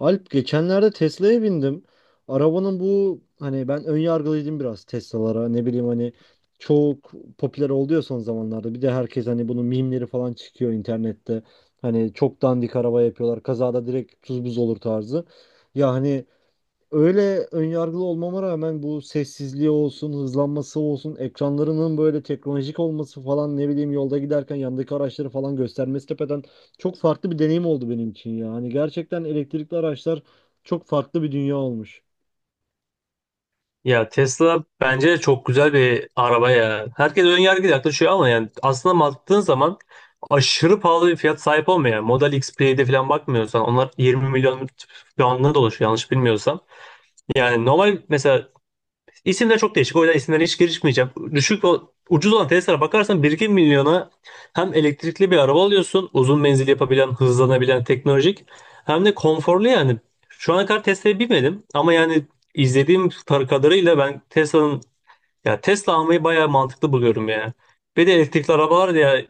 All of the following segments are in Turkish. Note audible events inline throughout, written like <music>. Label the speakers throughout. Speaker 1: Alp geçenlerde Tesla'ya bindim. Arabanın bu hani ben ön yargılıydım biraz Tesla'lara. Ne bileyim hani çok popüler oldu ya son zamanlarda. Bir de herkes hani bunun mimleri falan çıkıyor internette. Hani çok dandik araba yapıyorlar. Kazada direkt tuz buz olur tarzı. Ya hani öyle önyargılı olmama rağmen bu sessizliği olsun, hızlanması olsun, ekranlarının böyle teknolojik olması falan ne bileyim yolda giderken yandaki araçları falan göstermesi tepeden çok farklı bir deneyim oldu benim için ya. Hani gerçekten elektrikli araçlar çok farklı bir dünya olmuş.
Speaker 2: Ya Tesla bence çok güzel bir araba ya. Herkes ön yargıyla yaklaşıyor ama yani aslında baktığın zaman aşırı pahalı bir fiyat sahip olmuyor. Yani Model X, P'de falan bakmıyorsan onlar 20 milyon puanına dolaşıyor yanlış bilmiyorsam. Yani normal mesela İsimler çok değişik. O yüzden isimlere hiç girişmeyeceğim. Düşük o ucuz olan Tesla'lara bakarsan bir iki milyona hem elektrikli bir araba alıyorsun. Uzun menzil yapabilen, hızlanabilen, teknolojik. Hem de konforlu yani. Şu ana kadar Tesla'ya binmedim ama yani izlediğim kadarıyla ben Tesla'nın ya Tesla almayı bayağı mantıklı buluyorum yani. Bir de elektrikli arabalar da ya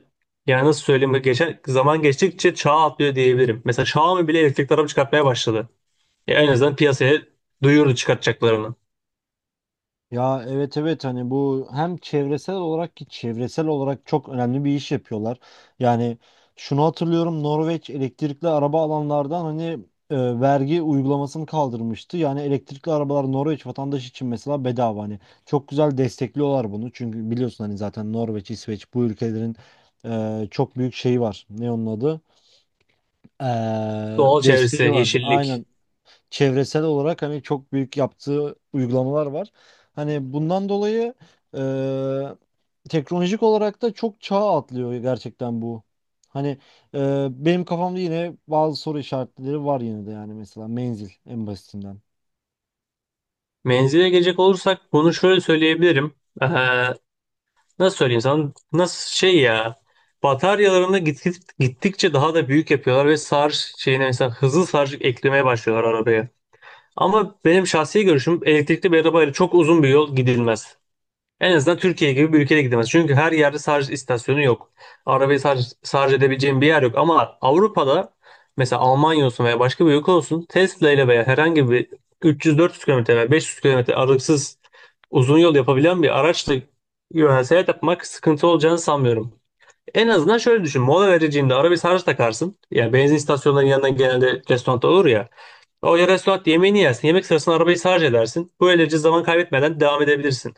Speaker 2: yani nasıl söyleyeyim, geçen zaman geçtikçe çağ atlıyor diyebilirim. Mesela Xiaomi bile elektrikli araba çıkartmaya başladı. Ya en azından piyasaya duyurdu çıkartacaklarını.
Speaker 1: Ya evet evet hani bu hem çevresel olarak ki çevresel olarak çok önemli bir iş yapıyorlar. Yani şunu hatırlıyorum Norveç elektrikli araba alanlardan hani vergi uygulamasını kaldırmıştı. Yani elektrikli arabalar Norveç vatandaşı için mesela bedava hani çok güzel destekliyorlar bunu. Çünkü biliyorsun hani zaten Norveç, İsveç bu ülkelerin çok büyük şeyi var. Ne onun adı? Eee,
Speaker 2: Doğal çevresi,
Speaker 1: Desteği var.
Speaker 2: yeşillik.
Speaker 1: Aynen çevresel olarak hani çok büyük yaptığı uygulamalar var. Hani bundan dolayı teknolojik olarak da çok çağ atlıyor gerçekten bu. Hani benim kafamda yine bazı soru işaretleri var yine de yani mesela menzil en basitinden.
Speaker 2: Menzile gelecek olursak bunu şöyle söyleyebilirim. Ee, nasıl söyleyeyim sana? Nasıl şey ya? Bataryalarını gittikçe daha da büyük yapıyorlar ve şarj şeyine mesela hızlı şarj eklemeye başlıyorlar arabaya. Ama benim şahsi görüşüm elektrikli bir arabayla çok uzun bir yol gidilmez. En azından Türkiye gibi bir ülkede gidilmez. Çünkü her yerde şarj istasyonu yok. Arabayı şarj edebileceğin bir yer yok. Ama Avrupa'da mesela Almanya olsun veya başka bir ülke olsun, Tesla ile veya herhangi bir 300-400 kilometre veya 500 kilometre aralıksız uzun yol yapabilen bir araçla yönel seyahat yapmak sıkıntı olacağını sanmıyorum. En azından şöyle düşün. Mola vereceğinde ara bir sarhoş takarsın. Ya benzin istasyonlarının yanından genelde restoran olur ya. O ya restoran yemeğini yersin. Yemek sırasında arabayı sarhoş edersin. Böylece zaman kaybetmeden devam edebilirsin.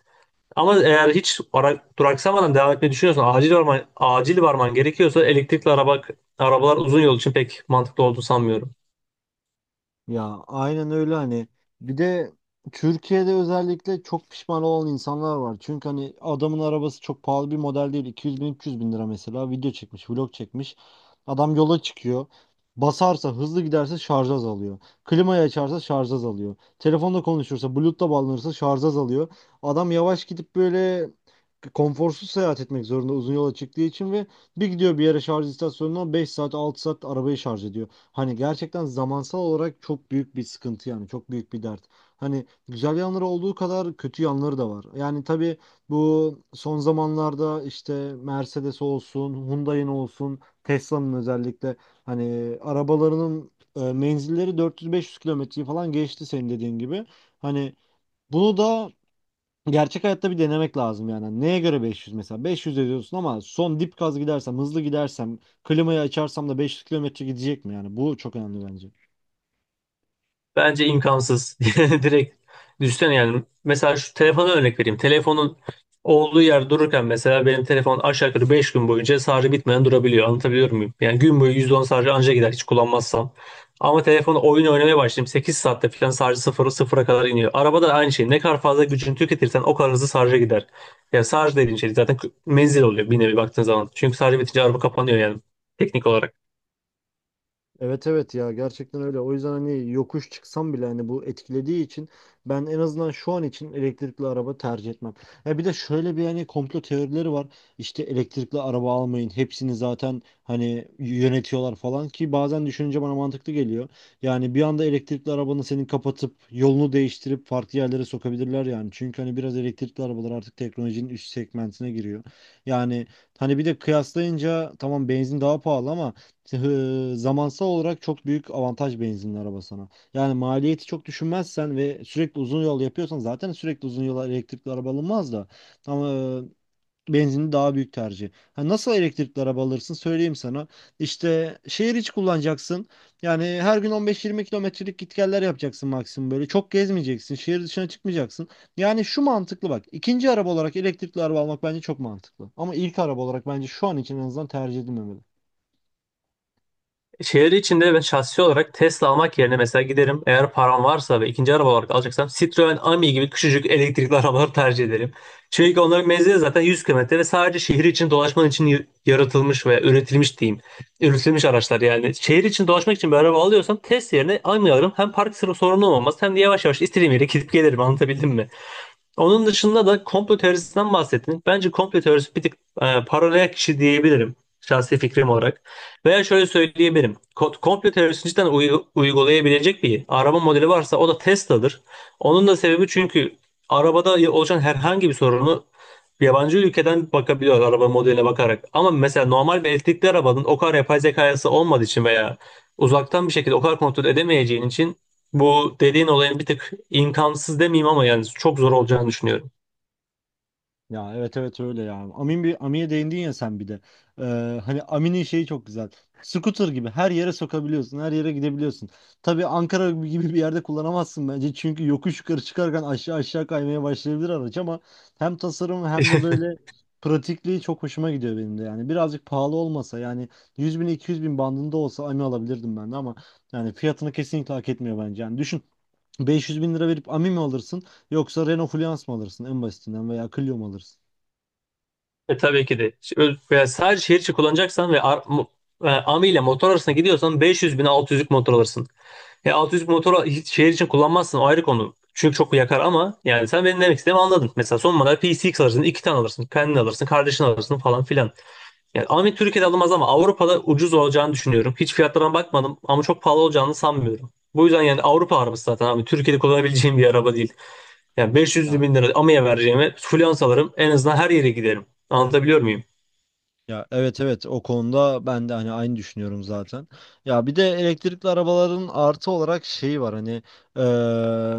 Speaker 2: Ama eğer hiç duraksamadan devam etmeyi düşünüyorsan, acil varman gerekiyorsa elektrikli arabalar uzun yol için pek mantıklı olduğunu sanmıyorum.
Speaker 1: Ya aynen öyle hani bir de Türkiye'de özellikle çok pişman olan insanlar var. Çünkü hani adamın arabası çok pahalı bir model değil. 200 bin 300 bin lira mesela video çekmiş vlog çekmiş. Adam yola çıkıyor. Basarsa hızlı giderse şarj azalıyor. Klimayı açarsa şarj azalıyor. Telefonla konuşursa Bluetooth'la bağlanırsa şarj azalıyor. Adam yavaş gidip böyle konforsuz seyahat etmek zorunda uzun yola çıktığı için ve bir gidiyor bir yere şarj istasyonuna 5 saat 6 saat arabayı şarj ediyor. Hani gerçekten zamansal olarak çok büyük bir sıkıntı yani çok büyük bir dert. Hani güzel yanları olduğu kadar kötü yanları da var. Yani tabii bu son zamanlarda işte Mercedes olsun, Hyundai'nin olsun, Tesla'nın özellikle hani arabalarının menzilleri 400-500 kilometreyi falan geçti senin dediğin gibi. Hani bunu da gerçek hayatta bir denemek lazım yani. Neye göre 500 mesela? 500 ediyorsun ama son dip gaz gidersem, hızlı gidersem, klimayı açarsam da 500 kilometre gidecek mi yani? Bu çok önemli bence.
Speaker 2: Bence imkansız. <laughs> Direkt düşünsene yani. Mesela şu telefona örnek vereyim. Telefonun olduğu yer dururken mesela benim telefon aşağı yukarı 5 gün boyunca şarjı bitmeden durabiliyor. Anlatabiliyor muyum? Yani gün boyu %10 şarjı anca gider hiç kullanmazsam. Ama telefonu oyun oynamaya başlayayım, sekiz saatte falan şarjı sıfıra kadar iniyor. Arabada da aynı şey. Ne kadar fazla gücünü tüketirsen o kadar hızlı şarja gider. Yani şarj dediğin şey zaten menzil oluyor bir nevi baktığın zaman. Çünkü şarjı bitince araba kapanıyor yani teknik olarak.
Speaker 1: Evet evet ya gerçekten öyle. O yüzden hani yokuş çıksam bile hani bu etkilediği için ben en azından şu an için elektrikli araba tercih etmem. Ya bir de şöyle bir hani komplo teorileri var. İşte elektrikli araba almayın. Hepsini zaten hani yönetiyorlar falan ki bazen düşününce bana mantıklı geliyor. Yani bir anda elektrikli arabanı senin kapatıp yolunu değiştirip farklı yerlere sokabilirler yani. Çünkü hani biraz elektrikli arabalar artık teknolojinin üst segmentine giriyor. Yani hani bir de kıyaslayınca tamam benzin daha pahalı ama zamansal olarak çok büyük avantaj benzinli araba sana. Yani maliyeti çok düşünmezsen ve sürekli uzun yol yapıyorsan zaten sürekli uzun yola elektrikli araba alınmaz da. Ama benzinli daha büyük tercih. Ha, nasıl elektrikli araba alırsın söyleyeyim sana. İşte şehir içi kullanacaksın. Yani her gün 15-20 kilometrelik gitgeller yapacaksın maksimum böyle. Çok gezmeyeceksin. Şehir dışına çıkmayacaksın. Yani şu mantıklı bak. İkinci araba olarak elektrikli araba almak bence çok mantıklı. Ama ilk araba olarak bence şu an için en azından tercih edilmemeli.
Speaker 2: Şehir içinde ben şahsi olarak Tesla almak yerine mesela giderim, eğer param varsa ve ikinci araba olarak alacaksam, Citroen Ami gibi küçücük elektrikli <laughs> arabaları tercih ederim. Çünkü onların menzili zaten 100 kilometre ve sadece şehir için dolaşman için yaratılmış ve üretilmiş diyeyim. Üretilmiş araçlar yani. Şehir için dolaşmak için bir araba alıyorsam Tesla yerine Ami alırım. Hem park sıra sorunu olmaz hem de yavaş yavaş istediğim yere gidip gelirim, anlatabildim mi? Onun dışında da komplo teorisinden bahsettiniz. Bence komplo teorisi bir tık paralel kişi diyebilirim şahsi fikrim olarak. Veya şöyle söyleyebilirim. Komplo teorisini cidden uygulayabilecek bir araba modeli varsa o da Tesla'dır. Onun da sebebi, çünkü arabada oluşan herhangi bir sorunu yabancı ülkeden bakabiliyor araba modeline bakarak. Ama mesela normal bir elektrikli arabanın o kadar yapay zekası olmadığı için veya uzaktan bir şekilde o kadar kontrol edemeyeceğin için bu dediğin olayın bir tık imkansız demeyeyim ama yani çok zor olacağını düşünüyorum.
Speaker 1: Ya evet evet öyle ya. Amin bir Ami'ye değindin ya sen bir de. Hani Amin'in şeyi çok güzel. Scooter gibi her yere sokabiliyorsun, her yere gidebiliyorsun. Tabii Ankara gibi bir yerde kullanamazsın bence. Çünkü yokuş yukarı çıkarken aşağı aşağı kaymaya başlayabilir araç ama hem tasarım hem de
Speaker 2: <laughs>
Speaker 1: böyle pratikliği çok hoşuma gidiyor benim de yani. Birazcık pahalı olmasa yani 100 bin 200 bin bandında olsa Ami alabilirdim ben de ama yani fiyatını kesinlikle hak etmiyor bence. Yani düşün 500 bin lira verip Ami mi alırsın yoksa Renault Fluence mı alırsın en basitinden veya Clio mu alırsın?
Speaker 2: E tabii ki de. Veya sadece şehir içi kullanacaksan ve Ami ile motor arasına gidiyorsan 500 bin 600'lük motor alırsın. E 600 motoru hiç şehir için kullanmazsın, o ayrı konu. Çünkü çok yakar ama yani sen benim demek istediğimi anladın. Mesela son model PCX alırsın, iki tane alırsın, kendin alırsın, kardeşin alırsın falan filan. Yani Ami Türkiye'de alınmaz ama Avrupa'da ucuz olacağını düşünüyorum. Hiç fiyatlarına bakmadım ama çok pahalı olacağını sanmıyorum. Bu yüzden yani Avrupa arabası zaten abi. Türkiye'de kullanabileceğim bir araba değil. Yani 500
Speaker 1: Ya,
Speaker 2: bin lira AMI'ye vereceğime flyans alırım. En azından her yere giderim. Anlatabiliyor muyum?
Speaker 1: ya evet evet o konuda ben de hani aynı düşünüyorum zaten. Ya bir de elektrikli arabaların artı olarak şeyi var hani eee,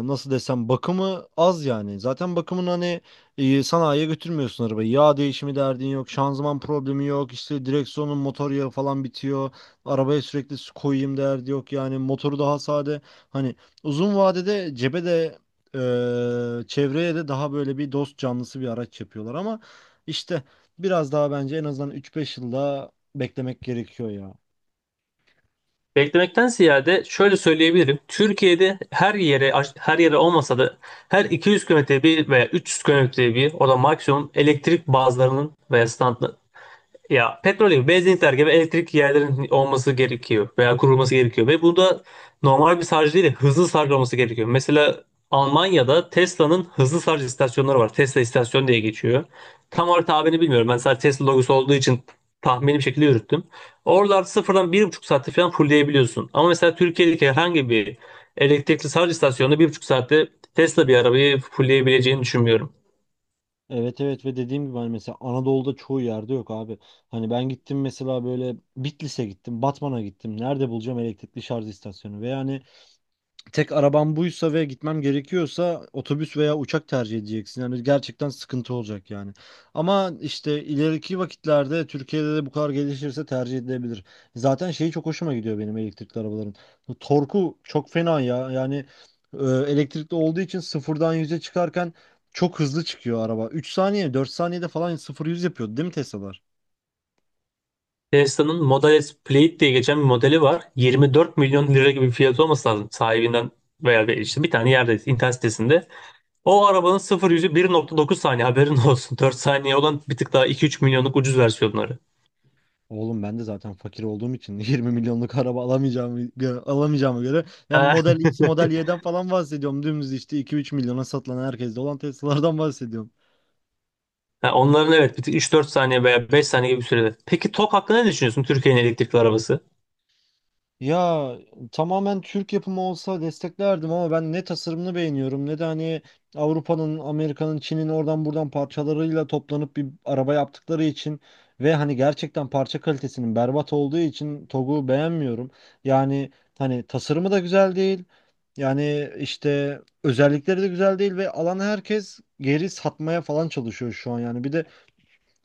Speaker 1: nasıl desem bakımı az yani. Zaten bakımın hani sanayiye götürmüyorsun arabayı. Yağ değişimi derdin yok, şanzıman problemi yok, işte direksiyonun motor yağı falan bitiyor. Arabaya sürekli su koyayım derdi yok yani motoru daha sade. Hani uzun vadede cebe de çevreye de daha böyle bir dost canlısı bir araç yapıyorlar ama işte biraz daha bence en azından üç beş yılda beklemek gerekiyor ya.
Speaker 2: Beklemekten ziyade şöyle söyleyebilirim. Türkiye'de her yere olmasa da her 200 kilometre bir veya 300 kilometre bir, o da maksimum, elektrik bazlarının veya ya petrol gibi, benzinlikler gibi elektrik yerlerin olması gerekiyor veya kurulması gerekiyor ve bu da normal bir şarj değil de hızlı şarj olması gerekiyor. Mesela Almanya'da Tesla'nın hızlı şarj istasyonları var. Tesla istasyon diye geçiyor. Tam olarak tabirini bilmiyorum. Ben sadece Tesla logosu olduğu için tahmini bir şekilde yürüttüm. Oralarda sıfırdan bir buçuk saatte falan fullleyebiliyorsun. Ama mesela Türkiye'deki herhangi bir elektrikli şarj istasyonunda bir buçuk saatte Tesla bir arabayı fullleyebileceğini düşünmüyorum.
Speaker 1: Evet evet ve dediğim gibi hani mesela Anadolu'da çoğu yerde yok abi. Hani ben gittim mesela böyle Bitlis'e gittim, Batman'a gittim. Nerede bulacağım elektrikli şarj istasyonu? Ve yani tek arabam buysa ve gitmem gerekiyorsa otobüs veya uçak tercih edeceksin. Yani gerçekten sıkıntı olacak yani. Ama işte ileriki vakitlerde Türkiye'de de bu kadar gelişirse tercih edilebilir. Zaten şeyi çok hoşuma gidiyor benim elektrikli arabaların. Bu Torku çok fena ya. Yani elektrikli olduğu için sıfırdan yüze çıkarken çok hızlı çıkıyor araba. 3 saniye 4 saniyede falan sıfır yüz yapıyordu değil mi Tesla'lar?
Speaker 2: Tesla'nın Model S Plaid diye geçen bir modeli var. 24 milyon lira gibi bir fiyatı olması lazım sahibinden veya bir, işte bir tane yerde, internet sitesinde. O arabanın 0 yüzü 1.9 saniye, haberin <laughs> olsun. 4 saniye olan bir tık daha 2-3 milyonluk ucuz versiyonları.
Speaker 1: Oğlum ben de zaten fakir olduğum için <laughs> 20 milyonluk araba alamayacağımı alamayacağıma göre ben
Speaker 2: Ha,
Speaker 1: Model X, Model
Speaker 2: <laughs>
Speaker 1: Y'den falan bahsediyorum. Dümdüz işte 2-3 milyona satılan herkeste olan Tesla'lardan bahsediyorum.
Speaker 2: ha, onların evet bir tık 3-4 saniye veya 5 saniye gibi bir sürede. Peki TOK hakkında ne düşünüyorsun, Türkiye'nin elektrikli arabası?
Speaker 1: Ya tamamen Türk yapımı olsa desteklerdim ama ben ne tasarımını beğeniyorum ne de hani Avrupa'nın, Amerika'nın, Çin'in oradan buradan parçalarıyla toplanıp bir araba yaptıkları için ve hani gerçekten parça kalitesinin berbat olduğu için TOG'u beğenmiyorum. Yani hani tasarımı da güzel değil. Yani işte özellikleri de güzel değil ve alan herkes geri satmaya falan çalışıyor şu an yani. Bir de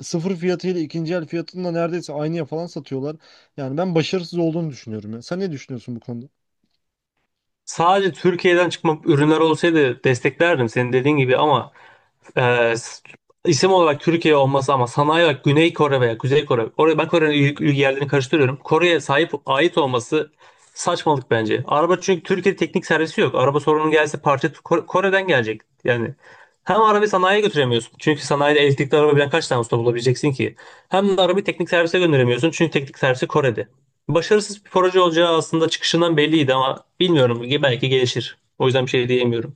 Speaker 1: sıfır fiyatıyla ikinci el fiyatında neredeyse aynıya falan satıyorlar. Yani ben başarısız olduğunu düşünüyorum ya. Sen ne düşünüyorsun bu konuda?
Speaker 2: Sadece Türkiye'den çıkma ürünler olsaydı desteklerdim senin dediğin gibi ama ee, s- isim olarak Türkiye olması ama sanayi olarak Güney Kore veya Kuzey Kore. Oraya ben Kore'nin yerlerini karıştırıyorum. Kore'ye sahip ait olması saçmalık bence. Araba çünkü Türkiye'de teknik servisi yok. Araba sorunu gelse parça Kore'den gelecek. Yani hem arabayı sanayiye götüremiyorsun. Çünkü sanayide elektrikli araba bilen kaç tane usta bulabileceksin ki? Hem de arabayı teknik servise gönderemiyorsun. Çünkü teknik servisi Kore'de. Başarısız bir proje olacağı aslında çıkışından belliydi ama bilmiyorum. Belki gelişir. O yüzden bir şey diyemiyorum.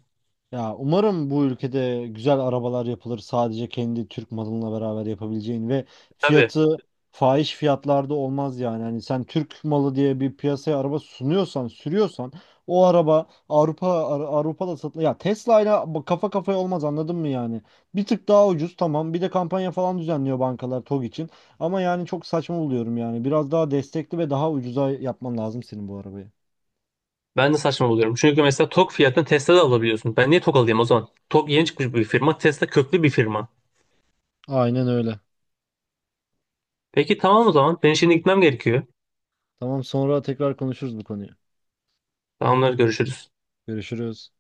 Speaker 1: Ya umarım bu ülkede güzel arabalar yapılır sadece kendi Türk malınla beraber yapabileceğin ve
Speaker 2: Tabii.
Speaker 1: fiyatı fahiş fiyatlarda olmaz yani. Hani sen Türk malı diye bir piyasaya araba sunuyorsan, sürüyorsan o araba Avrupa Avrupa'da satılır. Ya Tesla ile kafa kafaya olmaz anladın mı yani? Bir tık daha ucuz tamam. Bir de kampanya falan düzenliyor bankalar TOG için. Ama yani çok saçma buluyorum yani. Biraz daha destekli ve daha ucuza yapman lazım senin bu arabayı.
Speaker 2: Ben de saçma buluyorum. Çünkü mesela TOG fiyatını Tesla'da alabiliyorsun. Ben niye TOG alayım o zaman? TOG yeni çıkmış bir firma. Tesla köklü bir firma.
Speaker 1: Aynen öyle.
Speaker 2: Peki tamam o zaman. Ben şimdi gitmem gerekiyor.
Speaker 1: Tamam sonra tekrar konuşuruz bu konuyu.
Speaker 2: Tamamlar görüşürüz.
Speaker 1: Görüşürüz.